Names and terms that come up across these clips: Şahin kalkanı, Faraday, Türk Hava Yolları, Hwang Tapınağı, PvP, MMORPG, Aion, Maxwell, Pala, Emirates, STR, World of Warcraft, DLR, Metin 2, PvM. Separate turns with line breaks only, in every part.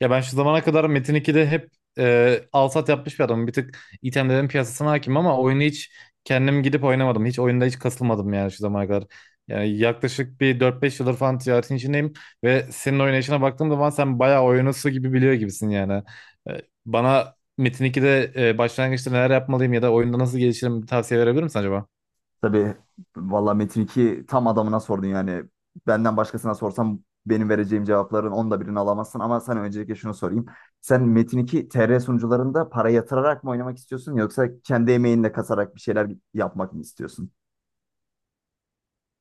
Ya ben şu zamana kadar Metin 2'de hep alsat yapmış bir adamım. Bir tık itemlerin piyasasına hakim ama oyunu hiç kendim gidip oynamadım. Hiç oyunda hiç kasılmadım yani şu zamana kadar. Yani yaklaşık bir 4-5 yıldır falan ticaretin içindeyim ve senin oynayışına baktığım zaman sen bayağı oyunu su gibi biliyor gibisin yani. Bana Metin 2'de başlangıçta neler yapmalıyım ya da oyunda nasıl gelişirim bir tavsiye verebilir misin acaba?
Tabii valla Metin 2 tam adamına sordun yani. Benden başkasına sorsam benim vereceğim cevapların onda birini alamazsın. Ama sana öncelikle şunu sorayım. Sen Metin 2 TR sunucularında para yatırarak mı oynamak istiyorsun yoksa kendi emeğinle kasarak bir şeyler yapmak mı istiyorsun?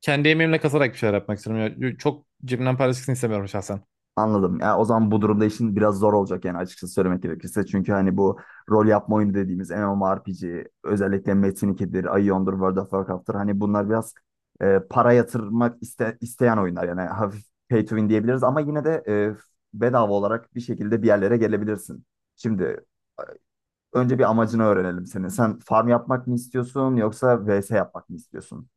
Kendi emeğimle kasarak bir şeyler yapmak istiyorum. Ya, çok cebimden para çıksın istemiyorum şahsen.
Anladım. Ya o zaman bu durumda işin biraz zor olacak yani açıkçası söylemek gerekirse. Çünkü hani bu rol yapma oyunu dediğimiz MMORPG, özellikle Metin 2'dir, Aion'dur, World of Warcraft'tır. Hani bunlar biraz para yatırmak isteyen oyunlar. Yani hafif pay to win diyebiliriz ama yine de bedava olarak bir şekilde bir yerlere gelebilirsin. Şimdi önce bir amacını öğrenelim senin. Sen farm yapmak mı istiyorsun yoksa VS yapmak mı istiyorsun?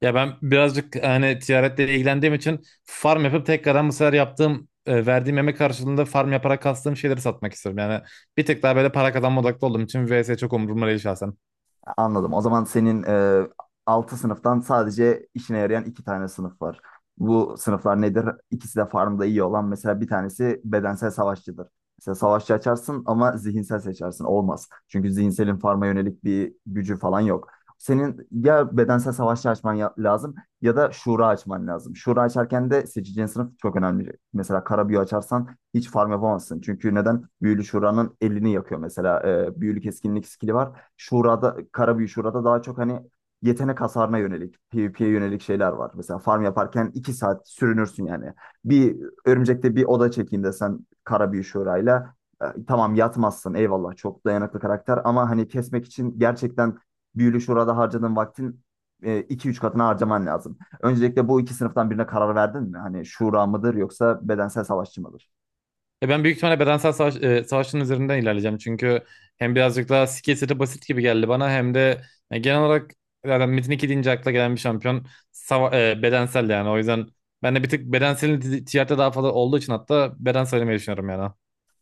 Ya ben birazcık hani ticaretle ilgilendiğim için farm yapıp tekrardan bu sefer yaptığım verdiğim emek karşılığında farm yaparak kastığım şeyleri satmak istiyorum. Yani bir tık daha böyle para kazanma odaklı olduğum için vs çok umurumda değil şahsen.
Anladım. O zaman senin 6 sınıftan sadece işine yarayan 2 tane sınıf var. Bu sınıflar nedir? İkisi de farmda iyi olan. Mesela bir tanesi bedensel savaşçıdır. Mesela savaşçı açarsın ama zihinsel seçersin. Olmaz. Çünkü zihinselin farma yönelik bir gücü falan yok. Senin ya bedensel savaşçı açman lazım ya da şura açman lazım. Şura açarken de seçeceğin sınıf çok önemli. Mesela kara büyü açarsan hiç farm yapamazsın. Çünkü neden? Büyülü şuranın elini yakıyor mesela. Büyülü keskinlik skili var. Şurada, Karabüyü Şurada daha çok hani yetenek hasarına yönelik, PvP'ye yönelik şeyler var. Mesela farm yaparken 2 saat sürünürsün yani. Bir örümcekte bir oda çekeyim desen Karabüyü Şura'yla tamam yatmazsın, eyvallah çok dayanıklı karakter ama hani kesmek için gerçekten Büyülü Şura'da harcadığın vaktin iki üç katına harcaman lazım. Öncelikle bu iki sınıftan birine karar verdin mi? Hani şura mıdır yoksa bedensel savaşçı mıdır?
Ben büyük ihtimalle bedensel savaşın üzerinden ilerleyeceğim. Çünkü hem birazcık daha skill seti basit gibi geldi bana hem de genel olarak zaten Metin 2 deyince akla gelen bir şampiyon bedensel yani. O yüzden ben de bir tık bedenselin ticarette daha fazla olduğu için hatta beden söylemeyi düşünüyorum yani.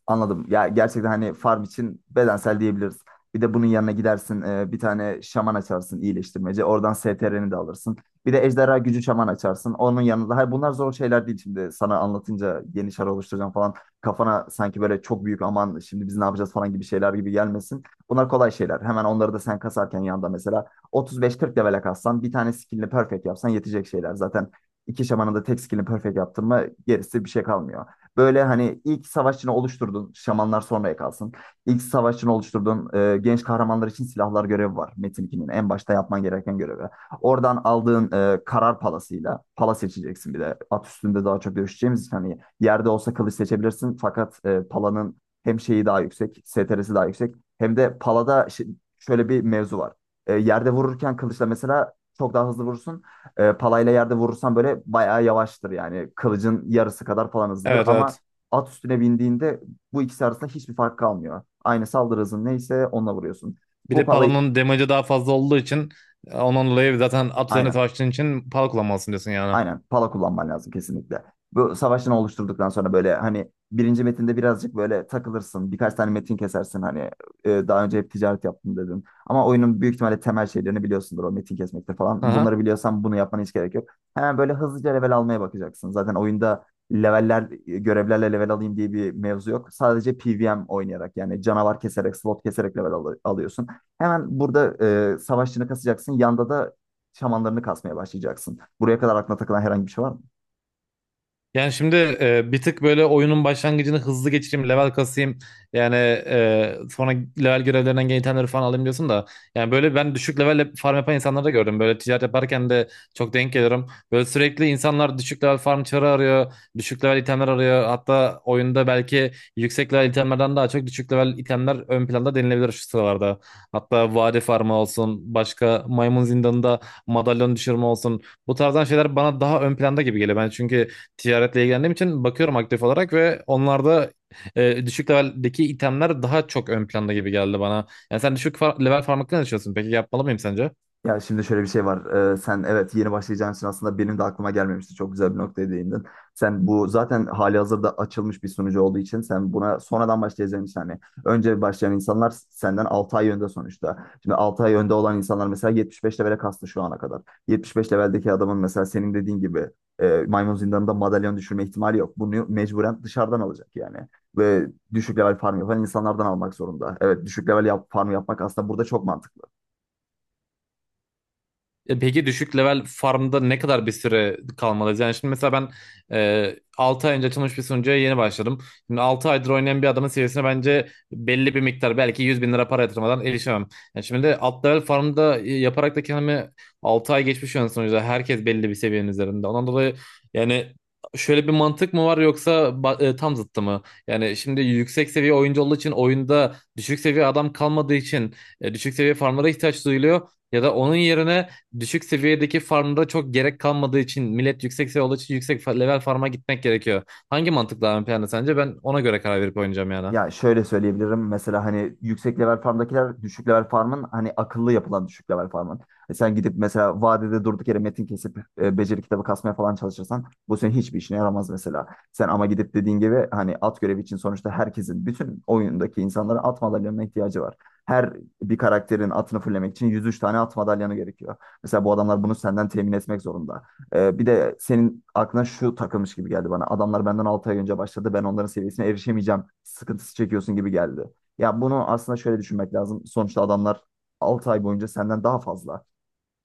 Anladım. Ya gerçekten hani farm için bedensel diyebiliriz. Bir de bunun yanına gidersin bir tane şaman açarsın iyileştirmeci. Oradan STR'ni de alırsın. Bir de ejderha gücü şaman açarsın. Onun yanında. Hayır bunlar zor şeyler değil şimdi. Sana anlatınca yeni şar oluşturacağım falan. Kafana sanki böyle çok büyük aman şimdi biz ne yapacağız falan gibi şeyler gibi gelmesin. Bunlar kolay şeyler. Hemen onları da sen kasarken yanında mesela 35-40 level'e kassan bir tane skillini perfect yapsan yetecek şeyler. Zaten iki şamanın da tek skillini perfect yaptın mı gerisi bir şey kalmıyor. Böyle hani ilk savaşçını oluşturdun. Şamanlar sonraya kalsın. İlk savaşçını oluşturdun. Genç kahramanlar için silahlar görevi var. Metin 2'nin en başta yapman gereken görevi. Oradan aldığın karar palasıyla pala seçeceksin bir de. At üstünde daha çok dövüşeceğimiz için hani yerde olsa kılıç seçebilirsin. Fakat palanın hem şeyi daha yüksek, STR'si daha yüksek. Hem de palada şöyle bir mevzu var. Yerde vururken kılıçla mesela çok daha hızlı vurursun. Palayla yerde vurursan böyle bayağı yavaştır yani. Kılıcın yarısı kadar falan hızlıdır
Evet,
ama
evet.
at üstüne bindiğinde bu ikisi arasında hiçbir fark kalmıyor. Aynı saldırı hızın neyse onunla vuruyorsun.
Bir
Bu
de
palayı,
Pala'nın damage'ı daha fazla olduğu için onun dolayı zaten at üzerine
aynen.
savaştığın için Pala kullanmalısın diyorsun yani.
Aynen pala kullanman lazım kesinlikle. Bu savaşını oluşturduktan sonra böyle hani birinci metinde birazcık böyle takılırsın. Birkaç tane metin kesersin hani daha önce hep ticaret yaptım dedin. Ama oyunun büyük ihtimalle temel şeylerini biliyorsundur o metin kesmekte falan.
Aha.
Bunları biliyorsan bunu yapmana hiç gerek yok. Hemen böyle hızlıca level almaya bakacaksın. Zaten oyunda leveller, görevlerle level alayım diye bir mevzu yok. Sadece PvM oynayarak yani canavar keserek, slot keserek level alıyorsun. Hemen burada savaşçını kasacaksın. Yanda da şamanlarını kasmaya başlayacaksın. Buraya kadar aklına takılan herhangi bir şey var mı?
Yani şimdi bir tık böyle oyunun başlangıcını hızlı geçireyim, level kasayım. Yani sonra level görevlerinden gelen itemleri falan alayım diyorsun da. Yani böyle ben düşük level farm yapan insanları da gördüm. Böyle ticaret yaparken de çok denk geliyorum. Böyle sürekli insanlar düşük level farm çarı arıyor, düşük level itemler arıyor. Hatta oyunda belki yüksek level itemlerden daha çok düşük level itemler ön planda denilebilir şu sıralarda. Hatta vade farmı olsun, başka maymun zindanında madalyon düşürme olsun. Bu tarzdan şeyler bana daha ön planda gibi geliyor. Ben çünkü ticaretle ilgilendiğim için bakıyorum aktif olarak ve onlarda düşük leveldeki itemler daha çok ön planda gibi geldi bana. Yani sen level farm hakkında ne düşünüyorsun? Peki yapmalı mıyım sence?
Ya şimdi şöyle bir şey var. Sen evet, yeni başlayacağın için aslında benim de aklıma gelmemişti. Çok güzel bir noktaya değindin. Sen bu zaten hali hazırda açılmış bir sunucu olduğu için, sen buna sonradan başlayacağın için hani önce başlayan insanlar senden 6 ay önde sonuçta. Şimdi 6 ay önde olan insanlar mesela 75 levele kastı şu ana kadar. 75 leveldeki adamın mesela senin dediğin gibi maymun zindanında madalyon düşürme ihtimali yok. Bunu mecburen dışarıdan alacak yani. Ve düşük level farm yapan insanlardan almak zorunda. Evet düşük level farm yapmak aslında burada çok mantıklı.
Peki düşük level farmda ne kadar bir süre kalmalıyız? Yani şimdi mesela ben 6 ay önce açılmış bir sunucuya yeni başladım. Şimdi 6 aydır oynayan bir adamın seviyesine bence belli bir miktar belki 100 bin lira para yatırmadan erişemem. Yani şimdi de alt level farmda yaparak da kendimi 6 ay geçmiş yani sonuçta herkes belli bir seviyenin üzerinde. Ondan dolayı yani şöyle bir mantık mı var yoksa tam zıttı mı? Yani şimdi yüksek seviye oyuncu olduğu için oyunda düşük seviye adam kalmadığı için düşük seviye farmlara ihtiyaç duyuluyor. Ya da onun yerine düşük seviyedeki farmda çok gerek kalmadığı için millet yüksek seviye olduğu için level farma gitmek gerekiyor. Hangi mantık daha ön planda sence? Ben ona göre karar verip oynayacağım yani.
Ya şöyle söyleyebilirim. Mesela hani yüksek level farmdakiler düşük level farmın hani akıllı yapılan düşük level farmın. Sen gidip mesela vadede durduk yere metin kesip beceri kitabı kasmaya falan çalışırsan bu senin hiçbir işine yaramaz mesela. Sen ama gidip dediğin gibi hani at görevi için sonuçta herkesin, bütün oyundaki insanlara at madalyanına ihtiyacı var. Her bir karakterin atını fullemek için 103 tane at madalyanı gerekiyor. Mesela bu adamlar bunu senden temin etmek zorunda. Bir de senin aklına şu takılmış gibi geldi bana. Adamlar benden 6 ay önce başladı. Ben onların seviyesine erişemeyeceğim. Sıkıntısı çekiyorsun gibi geldi. Ya bunu aslında şöyle düşünmek lazım. Sonuçta adamlar 6 ay boyunca senden daha fazla.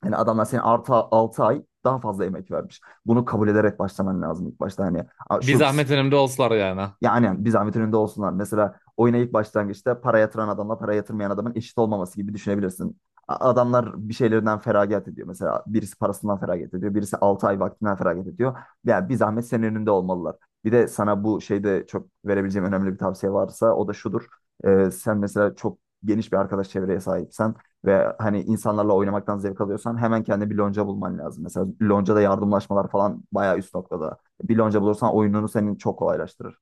Yani adamlar senin artı 6 ay daha fazla emek vermiş. Bunu kabul ederek başlaman lazım ilk başta. Hani, "Aa,
Bir
şu",
zahmet önümde olsalar yani.
yani bir zahmet önünde olsunlar. Mesela oyuna ilk başlangıçta para yatıran adamla para yatırmayan adamın eşit olmaması gibi düşünebilirsin. Adamlar bir şeylerinden feragat ediyor. Mesela birisi parasından feragat ediyor. Birisi 6 ay vaktinden feragat ediyor. Yani bir zahmet senin önünde olmalılar. Bir de sana bu şeyde çok verebileceğim önemli bir tavsiye varsa o da şudur. Sen mesela çok geniş bir arkadaş çevreye sahipsen ve hani insanlarla oynamaktan zevk alıyorsan hemen kendine bir lonca bulman lazım. Mesela loncada yardımlaşmalar falan bayağı üst noktada. Bir lonca bulursan oyununu senin çok kolaylaştırır.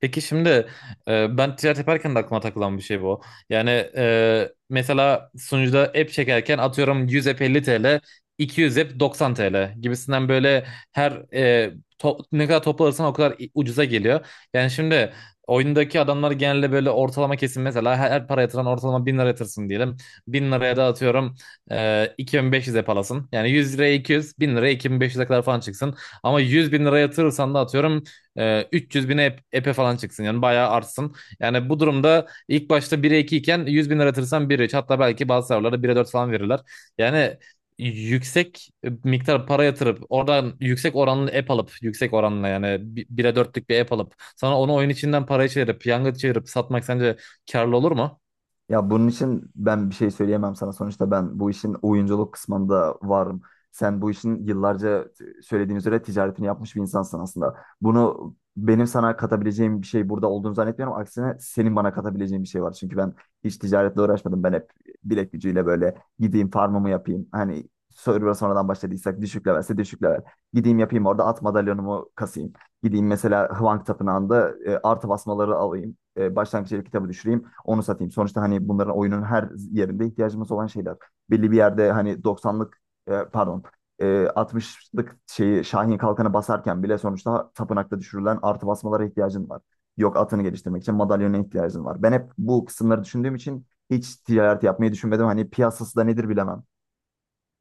Peki şimdi ben ticaret yaparken de aklıma takılan bir şey bu. Yani mesela sunucuda app çekerken atıyorum 100 app 50, 200 app 90 TL gibisinden böyle her ne kadar toplarsan o kadar ucuza geliyor. Yani şimdi oyundaki adamlar genelde böyle ortalama kesin mesela her para yatıran ortalama 1000 lira yatırsın diyelim. Bin liraya da atıyorum 2.500 app alasın. Yani 100 liraya 200, 1000 liraya 2.500'e kadar falan çıksın. Ama 100 bin lira yatırırsan da atıyorum 300 bine epe falan çıksın yani bayağı artsın. Yani bu durumda ilk başta 1'e 2 iken 100 bin yaratırsan 1'e 3 hatta belki bazı serverlara 1'e 4 falan verirler. Yani yüksek miktar para yatırıp oradan yüksek oranlı app alıp yüksek oranla yani 1'e dörtlük bir app alıp sana onu oyun içinden paraya çevirip yanga çevirip satmak sence karlı olur mu?
Ya bunun için ben bir şey söyleyemem sana. Sonuçta ben bu işin oyunculuk kısmında varım. Sen bu işin yıllarca söylediğin üzere ticaretini yapmış bir insansın aslında. Bunu benim sana katabileceğim bir şey burada olduğunu zannetmiyorum. Aksine senin bana katabileceğin bir şey var. Çünkü ben hiç ticaretle uğraşmadım. Ben hep bilek gücüyle böyle gideyim farmımı yapayım. Hani server'a sonradan başladıysak düşük levelse düşük level. Gideyim yapayım orada at madalyonumu kasayım. Gideyim mesela Hwang Tapınağı'nda artı basmaları alayım, başlangıç ev kitabı düşüreyim, onu satayım. Sonuçta hani bunların oyunun her yerinde ihtiyacımız olan şeyler. Belli bir yerde hani doksanlık, pardon, e, 60'lık şeyi Şahin kalkanı basarken bile sonuçta tapınakta düşürülen artı basmalara ihtiyacın var. Yok, atını geliştirmek için madalyona ihtiyacın var. Ben hep bu kısımları düşündüğüm için hiç ticaret yapmayı düşünmedim. Hani piyasası da nedir bilemem.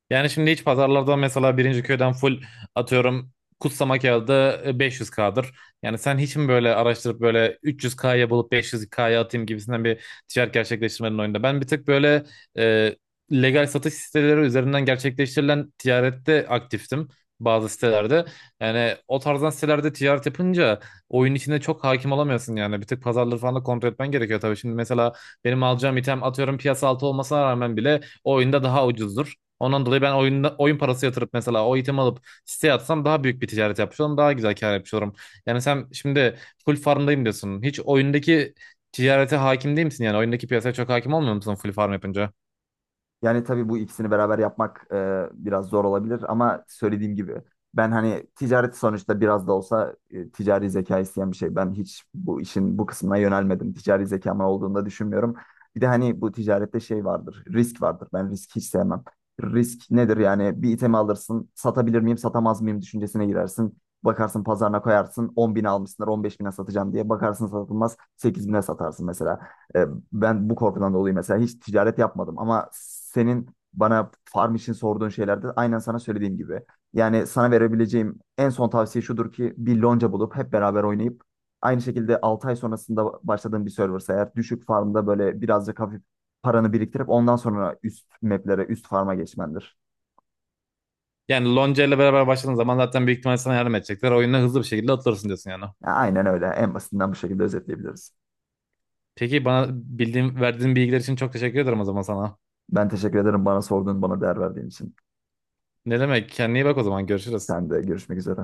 Yani şimdi hiç pazarlarda mesela birinci köyden full atıyorum kutsama kağıdı 500K'dır. Yani sen hiç mi böyle araştırıp böyle 300K'ya bulup 500K'ya atayım gibisinden bir ticaret gerçekleştirmenin oyunda. Ben bir tık böyle e, legal satış siteleri üzerinden gerçekleştirilen ticarette aktiftim bazı sitelerde. Yani o tarzdan sitelerde ticaret yapınca oyun içinde çok hakim olamıyorsun yani. Bir tık pazarları falan da kontrol etmen gerekiyor tabii. Şimdi mesela benim alacağım item atıyorum piyasa altı olmasına rağmen bile o oyunda daha ucuzdur. Ondan dolayı ben oyunda, oyun parası yatırıp mesela o itemi alıp siteye atsam daha büyük bir ticaret yapmış olurum. Daha güzel kar yapmış olurum. Yani sen şimdi full farmdayım diyorsun. Hiç oyundaki ticarete hakim değil misin? Yani oyundaki piyasaya çok hakim olmuyor musun full farm yapınca?
Yani tabii bu ikisini beraber yapmak biraz zor olabilir ama söylediğim gibi ben hani ticaret sonuçta biraz da olsa ticari zeka isteyen bir şey. Ben hiç bu işin bu kısmına yönelmedim. Ticari zekamın olduğunu da düşünmüyorum. Bir de hani bu ticarette şey vardır, risk vardır. Ben risk hiç sevmem. Risk nedir yani, bir itemi alırsın, satabilir miyim, satamaz mıyım düşüncesine girersin. Bakarsın pazarına koyarsın, 10 bin almışsınlar, 15 bine satacağım diye. Bakarsın satılmaz, 8 bine satarsın mesela. E, Ben bu korkudan dolayı mesela hiç ticaret yapmadım ama senin bana farm için sorduğun şeylerde aynen sana söylediğim gibi. Yani sana verebileceğim en son tavsiye şudur ki bir lonca bulup hep beraber oynayıp aynı şekilde 6 ay sonrasında başladığın bir serversa eğer, düşük farmda böyle birazcık hafif paranı biriktirip ondan sonra üst maplere, üst farma geçmendir.
Yani Lonca ile beraber başladığın zaman zaten büyük ihtimalle sana yardım edecekler. Oyuna hızlı bir şekilde atılırsın diyorsun yani.
Ya aynen öyle. En basitinden bu şekilde özetleyebiliriz.
Peki bana bildiğin, verdiğin bilgiler için çok teşekkür ederim o zaman sana.
Ben teşekkür ederim bana sorduğun, bana değer verdiğin için.
Ne demek? Kendine iyi bak o zaman. Görüşürüz.
Sen de görüşmek üzere.